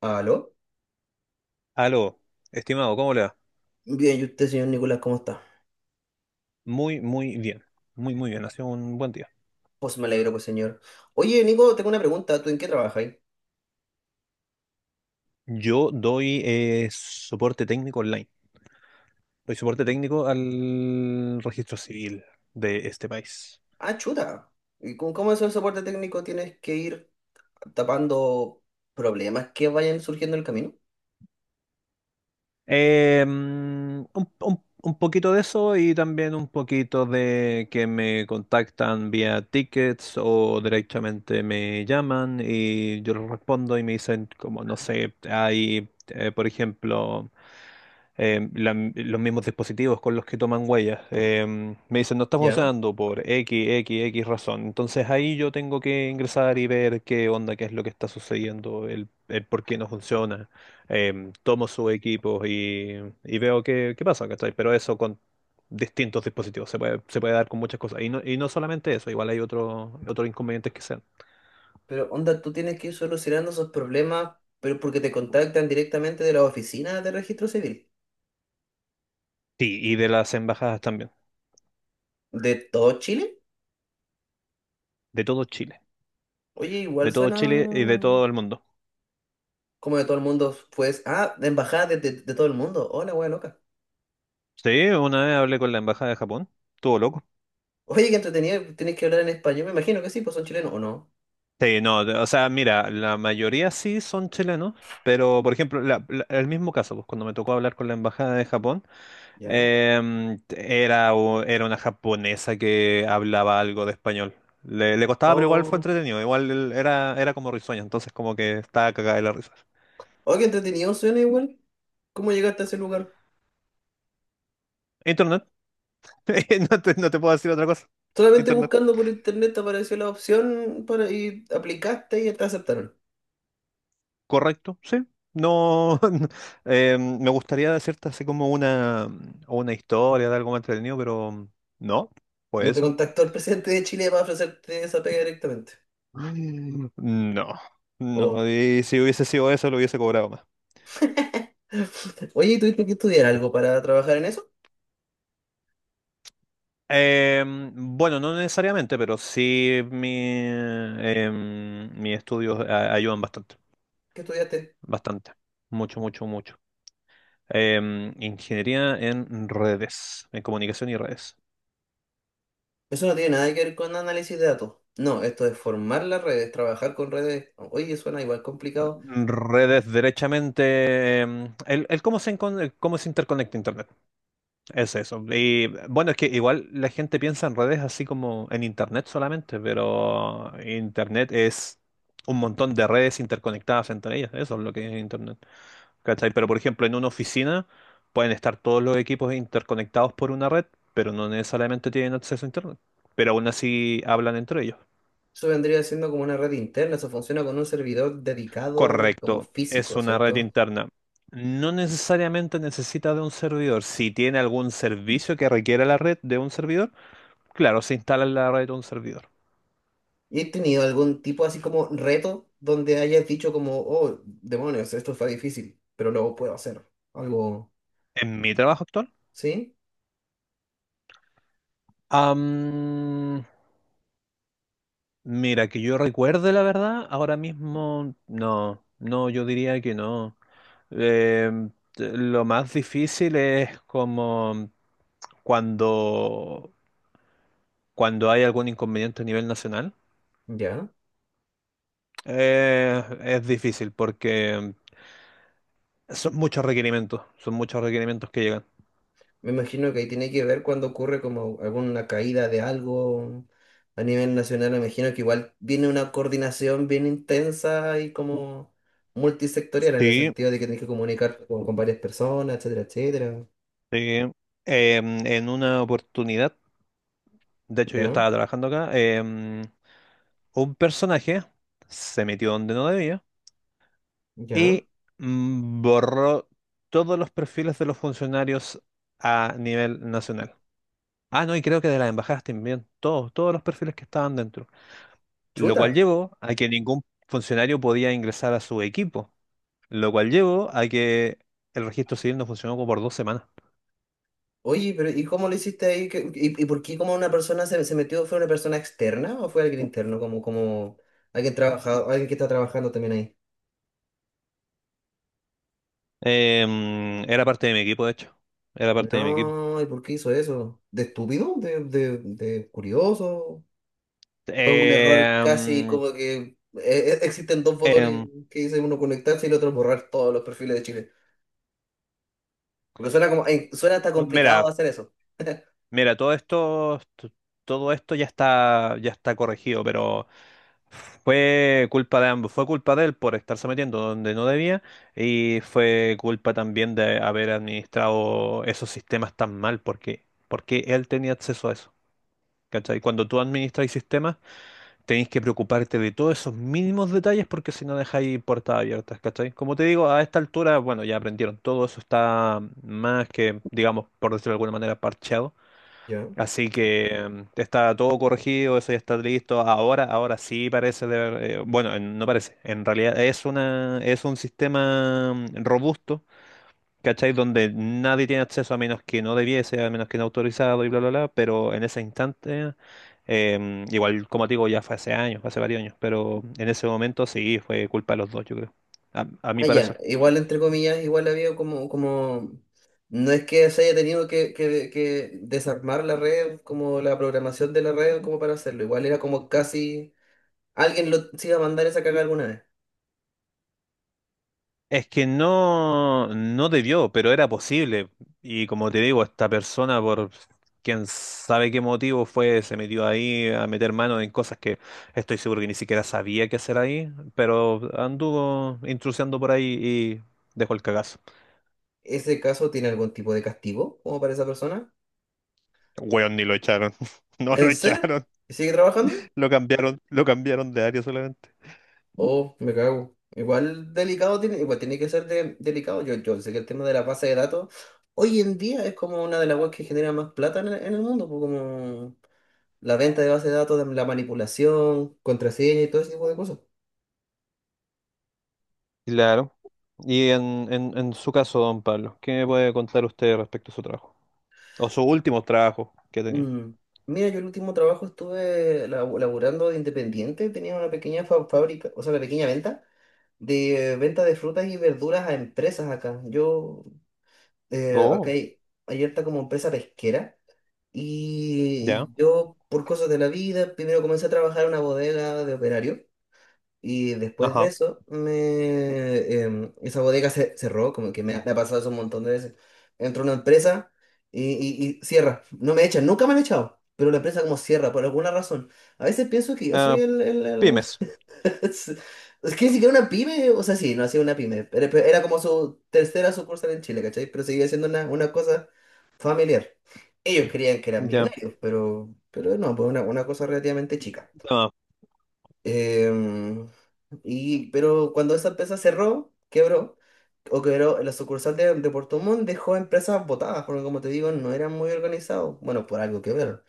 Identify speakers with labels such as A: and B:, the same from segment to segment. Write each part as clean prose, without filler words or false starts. A: ¿Aló?
B: Aló, estimado, ¿cómo le va?
A: Bien, ¿y usted, señor Nicolás, cómo está?
B: Muy, muy bien. Muy, muy bien. Ha sido un buen día.
A: Pues me alegro, pues, señor. Oye, Nico, tengo una pregunta. ¿Tú en qué trabajas ahí?
B: Yo doy soporte técnico online. Doy soporte técnico al registro civil de este país.
A: Ah, chuta. ¿Y con cómo es el soporte técnico? ¿Tienes que ir tapando problemas que vayan surgiendo en el camino?
B: Eh, mm, un poquito de eso y también un poquito de que me contactan vía tickets o directamente me llaman y yo les respondo y me dicen como, no sé, hay, por ejemplo, los mismos dispositivos con los que toman huellas. Me dicen, no está
A: Ya.
B: funcionando por X, X, X razón. Entonces ahí yo tengo que ingresar y ver qué onda, qué es lo que está sucediendo, el por qué no funciona. Tomo sus equipos y veo qué pasa, ¿cachai? Pero eso con distintos dispositivos, se puede dar con muchas cosas. Y no solamente eso, igual hay otros inconvenientes que sean.
A: Pero, onda, tú tienes que ir solucionando esos problemas, pero porque te contactan directamente de la oficina de Registro Civil.
B: Sí, y de las embajadas también,
A: ¿De todo Chile?
B: de todo Chile,
A: Oye, igual
B: de todo
A: suena
B: Chile y de todo el mundo.
A: como de todo el mundo, pues. Ah, de embajada de, de todo el mundo. Hola, wea loca.
B: Sí, una vez hablé con la embajada de Japón, estuvo loco.
A: Oye, qué entretenido, tenés que hablar en español. Me imagino que sí, pues son chilenos, ¿o no?
B: Sí, no, o sea, mira, la mayoría sí son chilenos, pero por ejemplo, el mismo caso, pues cuando me tocó hablar con la embajada de Japón.
A: Ya.
B: Era una japonesa que hablaba algo de español. Le costaba, pero igual fue
A: Oh,
B: entretenido. Igual él era como risueño, entonces como que estaba cagada de la risa.
A: oh, qué entretenido suena igual. ¿Cómo llegaste a ese lugar?
B: Internet. No te, no te puedo decir otra cosa.
A: Solamente
B: Internet.
A: buscando por internet te apareció la opción para, y aplicaste y te aceptaron.
B: Correcto, sí. No, no, me gustaría decirte así como una historia de algo más entretenido, pero no, fue
A: No te
B: eso.
A: contactó el presidente de Chile para ofrecerte esa pega directamente.
B: Mm. No,
A: Oh.
B: no. Y si hubiese sido eso, lo hubiese cobrado.
A: Oye, ¿y tuviste que estudiar algo para trabajar en eso?
B: Bueno, no necesariamente, pero sí mis estudios ayudan bastante,
A: ¿Qué estudiaste?
B: bastante, mucho, mucho, mucho. Ingeniería en redes, en comunicación y redes.
A: Eso no tiene nada que ver con análisis de datos. No, esto es formar las redes, trabajar con redes. Oye, suena igual complicado.
B: Redes, derechamente, el cómo se interconecta Internet, es eso. Y bueno, es que igual la gente piensa en redes así como en Internet solamente, pero Internet es un montón de redes interconectadas entre ellas, eso es lo que es Internet. ¿Cachai? Pero por ejemplo, en una oficina pueden estar todos los equipos interconectados por una red, pero no necesariamente tienen acceso a Internet. Pero aún así hablan entre ellos.
A: Eso vendría siendo como una red interna, eso funciona con un servidor dedicado como
B: Correcto, es
A: físico,
B: una red
A: ¿cierto?
B: interna. No necesariamente necesita de un servidor. Si tiene algún servicio que requiera la red de un servidor, claro, se instala en la red de un servidor.
A: ¿Y he tenido algún tipo así como reto donde hayas dicho como, oh, demonios, esto está difícil, pero lo puedo hacer? Algo,
B: En mi trabajo actual.
A: ¿sí?
B: Am, Mira, que yo recuerde la verdad, ahora mismo no, no, yo diría que no. Eh, lo más difícil es como cuando, hay algún inconveniente a nivel nacional.
A: Ya.
B: Es difícil porque son muchos requerimientos que llegan.
A: Me imagino que ahí tiene que ver cuando ocurre como alguna caída de algo a nivel nacional. Me imagino que igual viene una coordinación bien intensa y como multisectorial en el
B: Sí,
A: sentido de que tienes que comunicarte con varias personas, etcétera, etcétera.
B: sí. En una oportunidad, de hecho yo
A: Ya,
B: estaba trabajando acá, un personaje se metió donde no debía.
A: ya.
B: Y borró todos los perfiles de los funcionarios a nivel nacional. Ah, no, y creo que de las embajadas también, todos, todos los perfiles que estaban dentro, lo
A: Chuta.
B: cual llevó a que ningún funcionario podía ingresar a su equipo, lo cual llevó a que el registro civil no funcionó como por 2 semanas.
A: Oye, pero ¿y cómo lo hiciste ahí? ¿Y por qué como una persona se metió? ¿Fue una persona externa o fue alguien interno? Como alguien trabajado, alguien que está trabajando también ahí.
B: Era parte de mi equipo, de hecho, era parte de mi equipo.
A: No, ¿y por qué hizo eso? ¿De estúpido? ¿De curioso? ¿O es un error casi
B: Em,
A: como que existen dos botones
B: em,
A: que dicen uno conectarse y el otro borrar todos los perfiles de Chile? Porque suena como, suena hasta complicado
B: mira,
A: hacer eso.
B: mira, todo esto, todo esto ya está corregido. Pero fue culpa de ambos, fue culpa de él por estarse metiendo donde no debía y fue culpa también de haber administrado esos sistemas tan mal porque él tenía acceso a eso. ¿Cachai? Cuando tú administras sistemas, tenéis que preocuparte de todos esos mínimos detalles porque si no dejáis puertas abiertas, ¿cachai? Como te digo, a esta altura, bueno, ya aprendieron, todo eso está más que, digamos, por decirlo de alguna manera, parcheado.
A: ¿Ya?
B: Así que está todo corregido, eso ya está listo. Ahora sí parece bueno, no parece. En realidad es un sistema robusto, ¿cachai? Donde nadie tiene acceso a menos que no debiese, a menos que no autorizado y bla, bla, bla. Pero en ese instante, igual como te digo, ya fue hace años, fue hace varios años, pero en ese momento sí fue culpa de los dos, yo creo. A mi
A: Ah, ya,
B: parecer.
A: igual entre comillas, igual había como, no es que se haya tenido que desarmar la red, como la programación de la red, como para hacerlo, igual era como casi, alguien lo se iba a mandar esa caga alguna vez.
B: Es que no, no debió, pero era posible. Y como te digo, esta persona, por quién sabe qué motivo fue, se metió ahí a meter mano en cosas que estoy seguro que ni siquiera sabía qué hacer ahí, pero anduvo intrusiando por ahí y dejó el cagazo.
A: ¿Ese caso tiene algún tipo de castigo como para esa persona?
B: Weón, ni lo echaron. No lo
A: ¿En serio?
B: echaron.
A: ¿Y sigue trabajando?
B: Lo cambiaron de área solamente.
A: Oh, me cago. Igual delicado tiene, igual tiene que ser delicado. Yo sé que el tema de la base de datos hoy en día es como una de las webs que genera más plata en el mundo, pues, como la venta de base de datos, la manipulación, contraseña y todo ese tipo de cosas.
B: Claro. Y en su caso, don Pablo, ¿qué me puede contar usted respecto a su trabajo? O sus últimos trabajos que ha tenido.
A: Mm. Mira, yo el último trabajo estuve laburando de independiente, tenía una pequeña fábrica, o sea, una pequeña venta de frutas y verduras a empresas acá. Yo, acá
B: Oh,
A: hay harta como empresa pesquera.
B: ya.
A: Y yo, por cosas de la vida, primero comencé a trabajar en una bodega de operario y después de
B: Ajá.
A: eso, esa bodega se cerró, como que me ha pasado eso un montón de veces. Entro a una empresa y cierra. No me echan, nunca me han echado, pero la empresa como cierra por alguna razón. A veces pienso que yo soy
B: Ah,
A: el,
B: pymes.
A: es es que ni siquiera una pyme, o sea, sí, no hacía una pyme, pero era como su tercera sucursal en Chile, ¿cachai? Pero seguía siendo una cosa familiar. Ellos creían que eran
B: Ya.
A: millonarios, pero no, pues una cosa relativamente chica.
B: Ah,
A: Em, pero cuando esa empresa cerró, quebró, o quebró la sucursal de Puerto Montt, dejó empresas botadas, porque como te digo, no eran muy organizados. Bueno, por algo quebraron.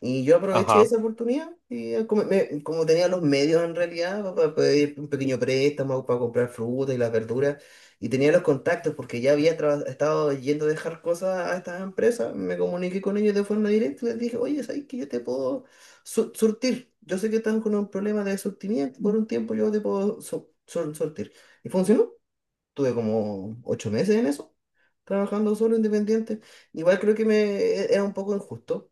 A: Y yo aproveché
B: ajá.
A: esa oportunidad y como, como tenía los medios en realidad para pedir un pequeño préstamo, para comprar fruta y las verduras, y tenía los contactos porque ya había estado yendo a dejar cosas a estas empresas, me comuniqué con ellos de forma directa y les dije, oye, ¿sabes que yo te puedo surtir. Yo sé que están con un problema de surtimiento, por un tiempo yo te puedo surtir. Y funcionó. Tuve como 8 meses en eso, trabajando solo, independiente. Igual creo que era un poco injusto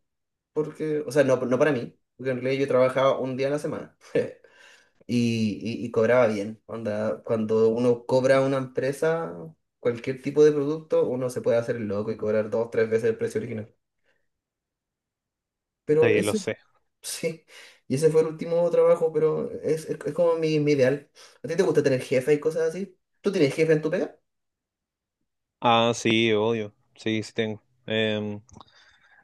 A: porque, o sea, no para mí, porque en realidad yo trabajaba un día a la semana y cobraba bien. Onda, cuando uno cobra a una empresa, cualquier tipo de producto, uno se puede hacer el loco y cobrar dos, tres veces el precio original. Pero
B: Sí, lo
A: ese,
B: sé.
A: sí, y ese fue el último trabajo, pero es como mi ideal. ¿A ti te gusta tener jefe y cosas así? ¿Tú tienes jefe en tu pega?
B: Ah, sí, obvio. Sí, sí tengo.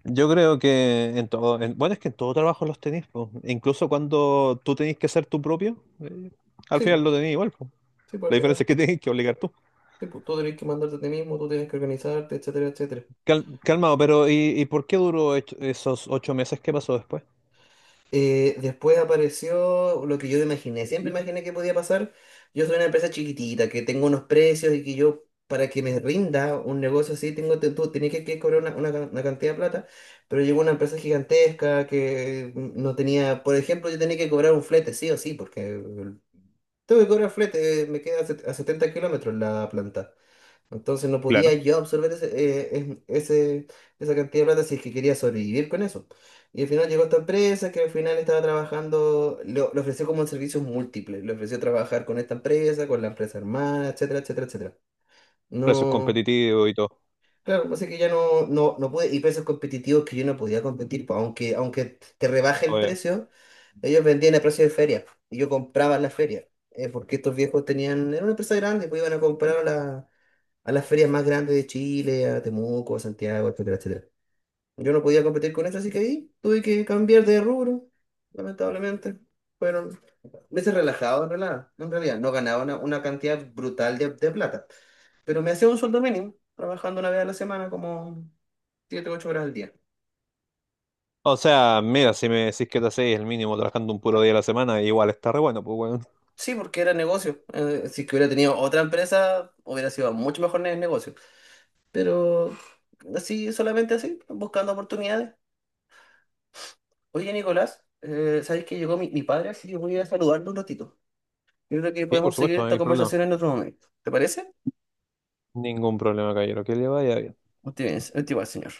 B: Yo creo que en todo, bueno, es que en todo trabajo los tenéis, po. Incluso cuando tú tenés que ser tu propio, al
A: Sí,
B: final
A: pues,
B: lo tenés igual, po.
A: sí, pues al
B: La diferencia
A: final,
B: es que tenés que obligar tú.
A: sí, pues, tú tenés que mandarte a ti mismo, tú tienes que organizarte, etcétera, etcétera.
B: Calmado, pero ¿y por qué duró esos 8 meses? ¿Qué pasó después?
A: Después apareció lo que yo imaginé. Siempre imaginé que podía pasar. Yo soy una empresa chiquitita, que tengo unos precios y que yo, para que me rinda un negocio así, tú tenés que cobrar una cantidad de plata. Pero llegó una empresa gigantesca que no tenía, por ejemplo, yo tenía que cobrar un flete, sí o sí, porque tengo que cobrar flete, me queda a 70 kilómetros la planta. Entonces no podía
B: Claro.
A: yo absorber esa cantidad de plata si es que quería sobrevivir con eso. Y al final llegó esta empresa que al final estaba trabajando, le ofreció como servicios múltiples, le ofreció trabajar con esta empresa, con la empresa hermana, etcétera, etcétera, etcétera.
B: Precios
A: No,
B: competitivos y todo.
A: claro, así que ya no, no, no pude, y precios competitivos que yo no podía competir, pues, aunque te rebaje el
B: Obvio.
A: precio, ellos vendían a precio de feria, y yo compraba en la feria, porque estos viejos tenían, era una empresa grande, pues iban a comprar a la a las ferias más grandes de Chile, a Temuco, a Santiago, etcétera, etcétera. Yo no podía competir con eso, así que ahí tuve que cambiar de rubro, lamentablemente. Fueron meses relajados, en realidad. En realidad, no ganaba una cantidad brutal de plata, pero me hacía un sueldo mínimo, trabajando una vez a la semana, como 7 o 8 horas al día.
B: O sea, mira, si me decís que te hacéis el mínimo trabajando un puro día a la semana, igual está re bueno, pues bueno.
A: Sí, porque era negocio. Si es que hubiera tenido otra empresa, hubiera sido mucho mejor en el negocio. Pero así, solamente así, buscando oportunidades. Oye, Nicolás, ¿sabes que llegó mi padre? Así que voy a saludarlo un ratito. Yo creo que
B: Sí, por
A: podemos seguir
B: supuesto, no
A: esta
B: hay problema.
A: conversación en otro momento. ¿Te parece?
B: Ningún problema, caballero. Que le vaya bien.
A: Muy bien, señor.